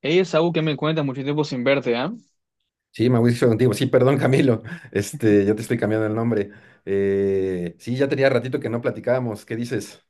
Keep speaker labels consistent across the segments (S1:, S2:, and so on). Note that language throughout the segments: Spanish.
S1: Ella es algo que me cuenta mucho tiempo sin verte, ¿ah?
S2: Sí, Mauricio contigo. Sí, perdón, Camilo. Ya te estoy cambiando el nombre. Sí, ya tenía ratito que no platicábamos. ¿Qué dices?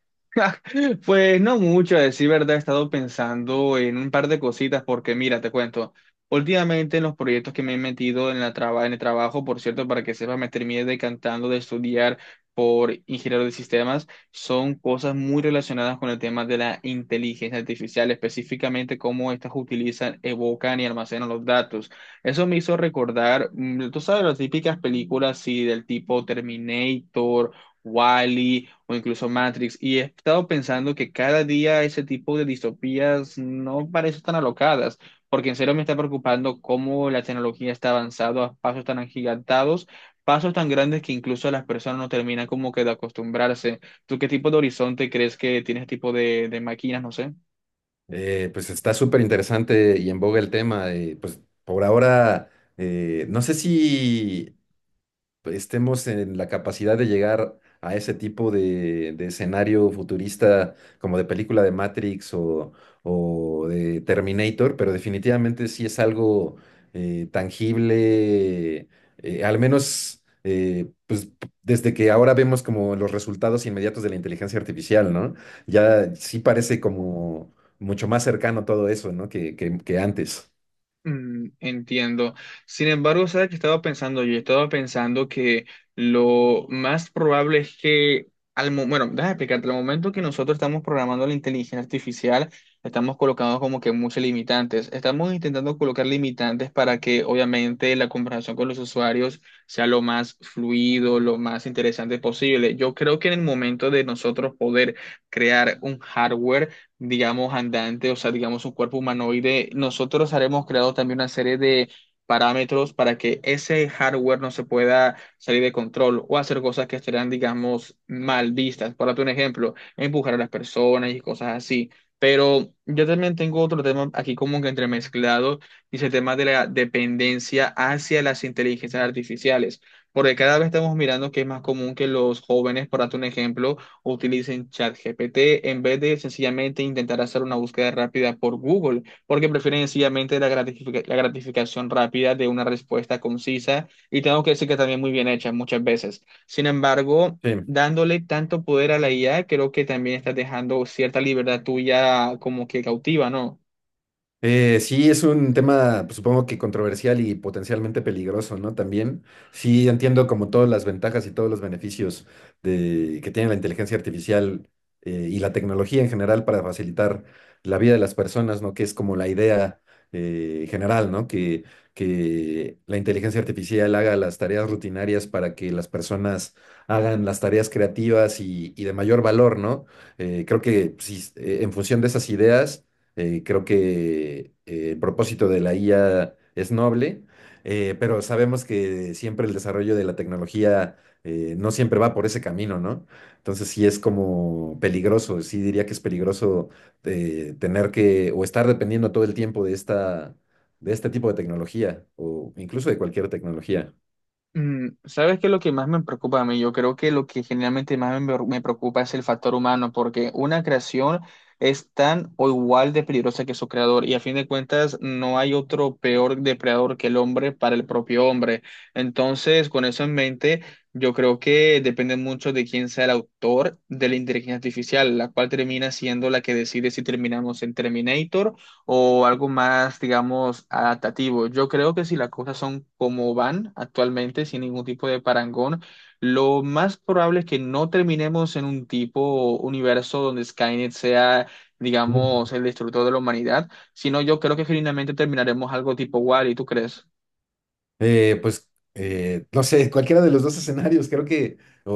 S1: Pues no mucho, a decir verdad, he estado pensando en un par de cositas porque mira, te cuento, últimamente en los proyectos que me he metido en en el trabajo, por cierto, para que sepas, me terminé decantando de estudiar por ingeniero de sistemas, son cosas muy relacionadas con el tema de la inteligencia artificial, específicamente cómo estas utilizan, evocan y almacenan los datos. Eso me hizo recordar, tú sabes, las típicas películas, sí, del tipo Terminator, Wally o incluso Matrix. Y he estado pensando que cada día ese tipo de distopías no parecen tan alocadas, porque en serio me está preocupando cómo la tecnología está avanzando a pasos tan agigantados, pasos tan grandes que incluso las personas no terminan como que de acostumbrarse. ¿Tú qué tipo de horizonte crees que tiene este tipo de máquinas? No sé.
S2: Pues está súper interesante y en boga el tema. Pues por ahora, no sé si estemos en la capacidad de llegar a ese tipo de escenario futurista como de película de Matrix o de Terminator, pero definitivamente sí es algo tangible, al menos pues, desde que ahora vemos como los resultados inmediatos de la inteligencia artificial, ¿no? Ya sí parece como mucho más cercano todo eso, ¿no? Que antes.
S1: Mm, entiendo. Sin embargo, ¿sabes qué estaba pensando yo? Estaba pensando que lo más probable es que, bueno, déjame explicarte, al momento que nosotros estamos programando la inteligencia artificial, estamos colocando como que muchos limitantes. Estamos intentando colocar limitantes para que, obviamente, la conversación con los usuarios sea lo más fluido, lo más interesante posible. Yo creo que en el momento de nosotros poder crear un hardware, digamos, andante, o sea, digamos, un cuerpo humanoide, nosotros haremos creado también una serie de parámetros para que ese hardware no se pueda salir de control o hacer cosas que estarán, digamos, mal vistas. Por darte un ejemplo, empujar a las personas y cosas así. Pero yo también tengo otro tema aquí como que entremezclado, y es el tema de la dependencia hacia las inteligencias artificiales, porque cada vez estamos mirando que es más común que los jóvenes, por darte un ejemplo, utilicen ChatGPT en vez de sencillamente intentar hacer una búsqueda rápida por Google, porque prefieren sencillamente la gratificación rápida de una respuesta concisa y tengo que decir que también muy bien hecha muchas veces. Sin embargo,
S2: Sí.
S1: dándole tanto poder a la IA, creo que también estás dejando cierta libertad tuya como que cautiva, ¿no?
S2: Sí, es un tema, pues, supongo que controversial y potencialmente peligroso, ¿no? También, sí, entiendo como todas las ventajas y todos los beneficios que tiene la inteligencia artificial y la tecnología en general para facilitar la vida de las personas, ¿no? Que es como la idea general, ¿no? Que la inteligencia artificial haga las tareas rutinarias para que las personas hagan las tareas creativas y de mayor valor, ¿no? Creo que sí, en función de esas ideas creo que el propósito de la IA es noble, pero sabemos que siempre el desarrollo de la tecnología no siempre va por ese camino, ¿no? Entonces sí es como peligroso, sí diría que es peligroso tener que o estar dependiendo todo el tiempo de esta, de este tipo de tecnología o incluso de cualquier tecnología.
S1: Mm, ¿sabes qué es lo que más me preocupa a mí? Yo creo que lo que generalmente más me preocupa es el factor humano, porque una creación es tan o igual de peligrosa que su creador, y a fin de cuentas no hay otro peor depredador que el hombre para el propio hombre. Entonces, con eso en mente, yo creo que depende mucho de quién sea el autor de la inteligencia artificial, la cual termina siendo la que decide si terminamos en Terminator o algo más, digamos, adaptativo. Yo creo que si las cosas son como van actualmente, sin ningún tipo de parangón, lo más probable es que no terminemos en un tipo universo donde Skynet sea, digamos, el destructor de la humanidad, sino yo creo que genuinamente terminaremos algo tipo Wall-E, ¿tú crees?
S2: No sé, cualquiera de los dos escenarios, creo que, o,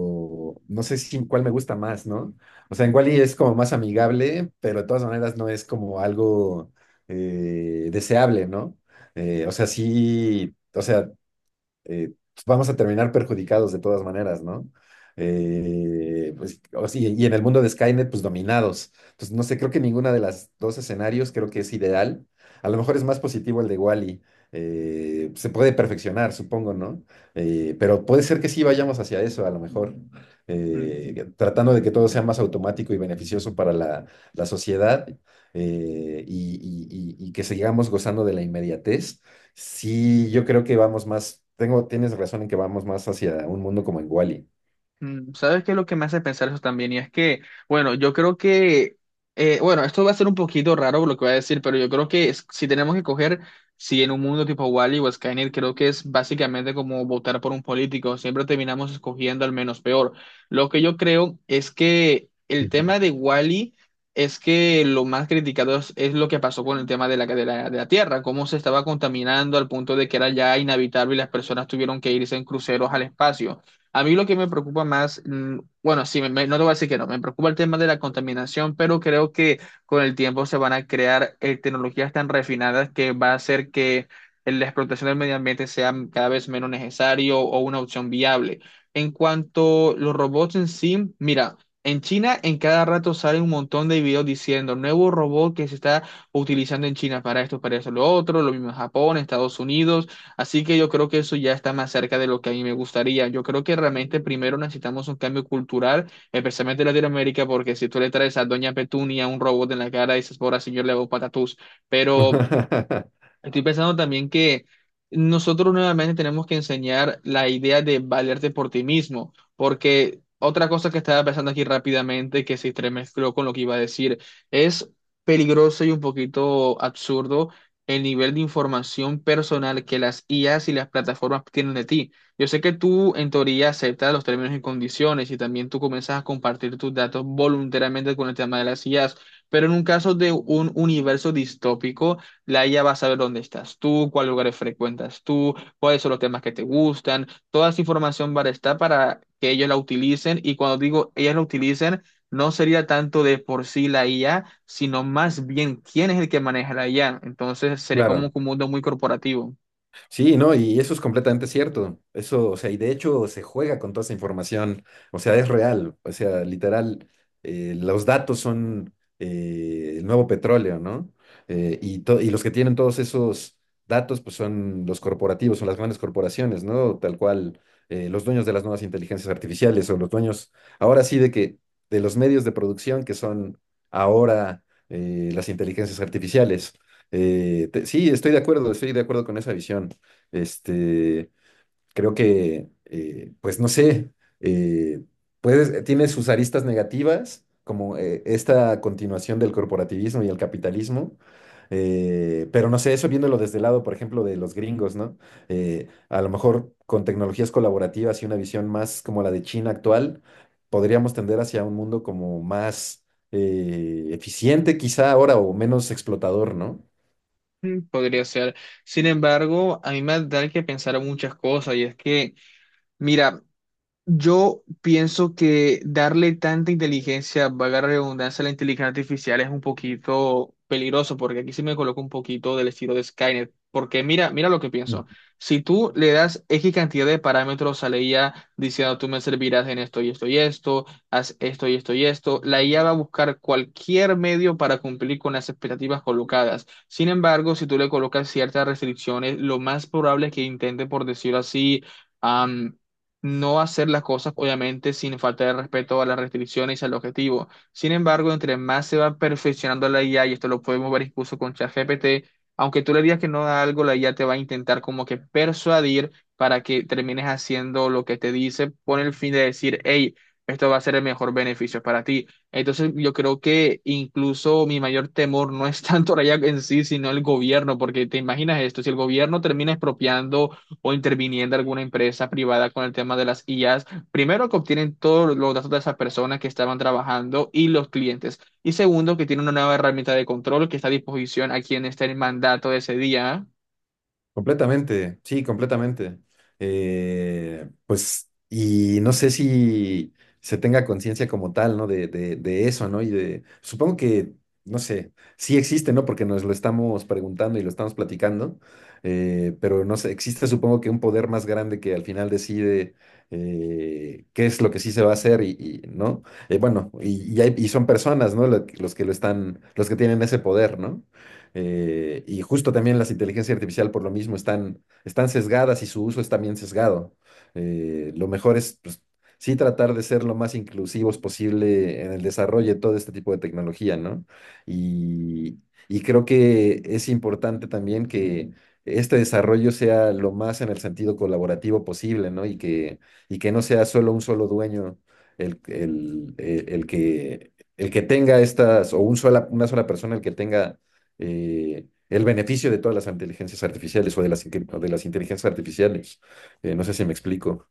S2: no sé si cuál me gusta más, ¿no? O sea, en Wall-E es como más amigable, pero de todas maneras no es como algo deseable, ¿no? O sea, sí, o sea, eh, vamos a terminar perjudicados de todas maneras, ¿no? Pues, o sí, y en el mundo de Skynet, pues dominados. Entonces, no sé, creo que ninguna de las dos escenarios creo que es ideal. A lo mejor es más positivo el de Wally. Se puede perfeccionar, supongo, ¿no? Pero puede ser que sí vayamos hacia eso, a lo mejor, tratando de que todo sea más automático y beneficioso para la, la sociedad eh, y, y que sigamos gozando de la inmediatez. Sí, yo creo que vamos más, tienes razón en que vamos más hacia un mundo como en Wall-E.
S1: Mm, ¿sabes qué es lo que me hace pensar eso también? Y es que, bueno, yo creo que, bueno, esto va a ser un poquito raro lo que voy a decir, pero yo creo que si tenemos que coger, si en un mundo tipo Wall-E o Skynet, creo que es básicamente como votar por un político, siempre terminamos escogiendo al menos peor. Lo que yo creo es que el
S2: Ujú.
S1: tema de Wall-E es que lo más criticado es lo que pasó con el tema de de la Tierra, cómo se estaba contaminando al punto de que era ya inhabitable y las personas tuvieron que irse en cruceros al espacio. A mí lo que me preocupa más, mm, bueno, sí, no te voy a decir que no, me preocupa el tema de la contaminación, pero creo que con el tiempo se van a crear tecnologías tan refinadas que va a hacer que la explotación del medio ambiente sea cada vez menos necesario o una opción viable. En cuanto a los robots en sí, mira, en China en cada rato sale un montón de videos diciendo nuevo robot que se está utilizando en China para esto, para eso, lo otro, lo mismo en Japón, Estados Unidos. Así que yo creo que eso ya está más cerca de lo que a mí me gustaría. Yo creo que realmente primero necesitamos un cambio cultural, especialmente en Latinoamérica, porque si tú le traes a Doña Petunia un robot en la cara, dices, por señor, le hago patatús. Pero estoy pensando también que nosotros nuevamente tenemos que enseñar la idea de valerte por ti mismo, porque otra cosa que estaba pensando aquí rápidamente, que se entremezcló con lo que iba a decir, es peligroso y un poquito absurdo el nivel de información personal que las IAs y las plataformas tienen de ti. Yo sé que tú en teoría aceptas los términos y condiciones y también tú comienzas a compartir tus datos voluntariamente con el tema de las IAs, pero en un caso de un universo distópico, la IA va a saber dónde estás tú, cuáles lugares frecuentas tú, cuáles son los temas que te gustan. Toda esa información va a estar para que ellos la utilicen. Y cuando digo ellos la utilicen, no sería tanto de por sí la IA, sino más bien quién es el que maneja la IA. Entonces sería como
S2: Claro.
S1: un mundo muy corporativo.
S2: Sí, no, y eso es completamente cierto. Eso, o sea, y de hecho se juega con toda esa información, o sea, es real, o sea, literal, los datos son el nuevo petróleo, ¿no? Y los que tienen todos esos datos, pues son los corporativos, son las grandes corporaciones, ¿no? Tal cual, los dueños de las nuevas inteligencias artificiales o los dueños, ahora sí, de que, de los medios de producción que son ahora las inteligencias artificiales. Sí, estoy de acuerdo con esa visión. Este, Creo que, pues no sé, eh, tiene sus aristas negativas, como esta continuación del corporativismo y el capitalismo, pero no sé, eso viéndolo desde el lado, por ejemplo, de los gringos, ¿no? A lo mejor con tecnologías colaborativas y una visión más como la de China actual, podríamos tender hacia un mundo como más eficiente quizá ahora o menos explotador, ¿no?
S1: Mm, podría ser. Sin embargo, a mí me da que pensar en muchas cosas y es que, mira, yo pienso que darle tanta inteligencia, valga la redundancia, a la inteligencia artificial es un poquito peligroso, porque aquí sí me coloco un poquito del estilo de Skynet. Porque mira, mira lo que pienso. Si tú le das X cantidad de parámetros a la IA diciendo tú me servirás en esto y esto y esto, haz esto y esto y esto, la IA va a buscar cualquier medio para cumplir con las expectativas colocadas. Sin embargo, si tú le colocas ciertas restricciones, lo más probable es que intente, por decirlo así, no hacer las cosas, obviamente, sin falta de respeto a las restricciones y al objetivo. Sin embargo, entre más se va perfeccionando la IA, y esto lo podemos ver incluso con ChatGPT, aunque tú le digas que no da algo, la IA te va a intentar como que persuadir para que termines haciendo lo que te dice con el fin de decir, hey, esto va a ser el mejor beneficio para ti. Entonces, yo creo que incluso mi mayor temor no es tanto la IA en sí, sino el gobierno, porque te imaginas esto, si el gobierno termina expropiando o interviniendo alguna empresa privada con el tema de las IAs, primero que obtienen todos los datos de esas personas que estaban trabajando y los clientes, y segundo que tienen una nueva herramienta de control que está a disposición a quien esté en mandato de ese día.
S2: Completamente, sí, completamente. Pues, y no sé si se tenga conciencia como tal, ¿no? De eso, ¿no? Y de, supongo que, no sé, sí existe, ¿no? Porque nos lo estamos preguntando y lo estamos platicando, pero no sé, existe supongo que un poder más grande que al final decide qué es lo que sí se va a hacer ¿no? Y son personas, ¿no? Los que lo están, los que tienen ese poder, ¿no? Y justo también las inteligencias artificiales por lo mismo están sesgadas y su uso es también sesgado. Lo mejor es, pues, sí tratar de ser lo más inclusivos posible en el desarrollo de todo este tipo de tecnología, ¿no? Y, y creo que es importante también que este desarrollo sea lo más en el sentido colaborativo posible, ¿no? Y que no sea solo un solo dueño el que tenga estas, o una sola persona el que tenga el beneficio de todas las inteligencias artificiales o de las inteligencias artificiales. No sé si me explico.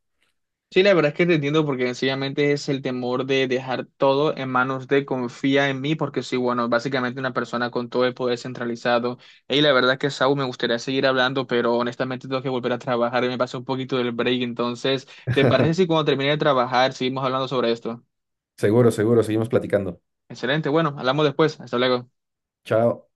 S1: Sí, la verdad es que te entiendo porque sencillamente es el temor de dejar todo en manos de confía en mí, porque soy, bueno, básicamente una persona con todo el poder centralizado. Y la verdad es que, Saúl, me gustaría seguir hablando, pero honestamente tengo que volver a trabajar y me pasó un poquito del break. Entonces, ¿te parece si cuando termine de trabajar seguimos hablando sobre esto?
S2: Seguro, seguro, seguimos platicando.
S1: Excelente, bueno, hablamos después. Hasta luego.
S2: Chao.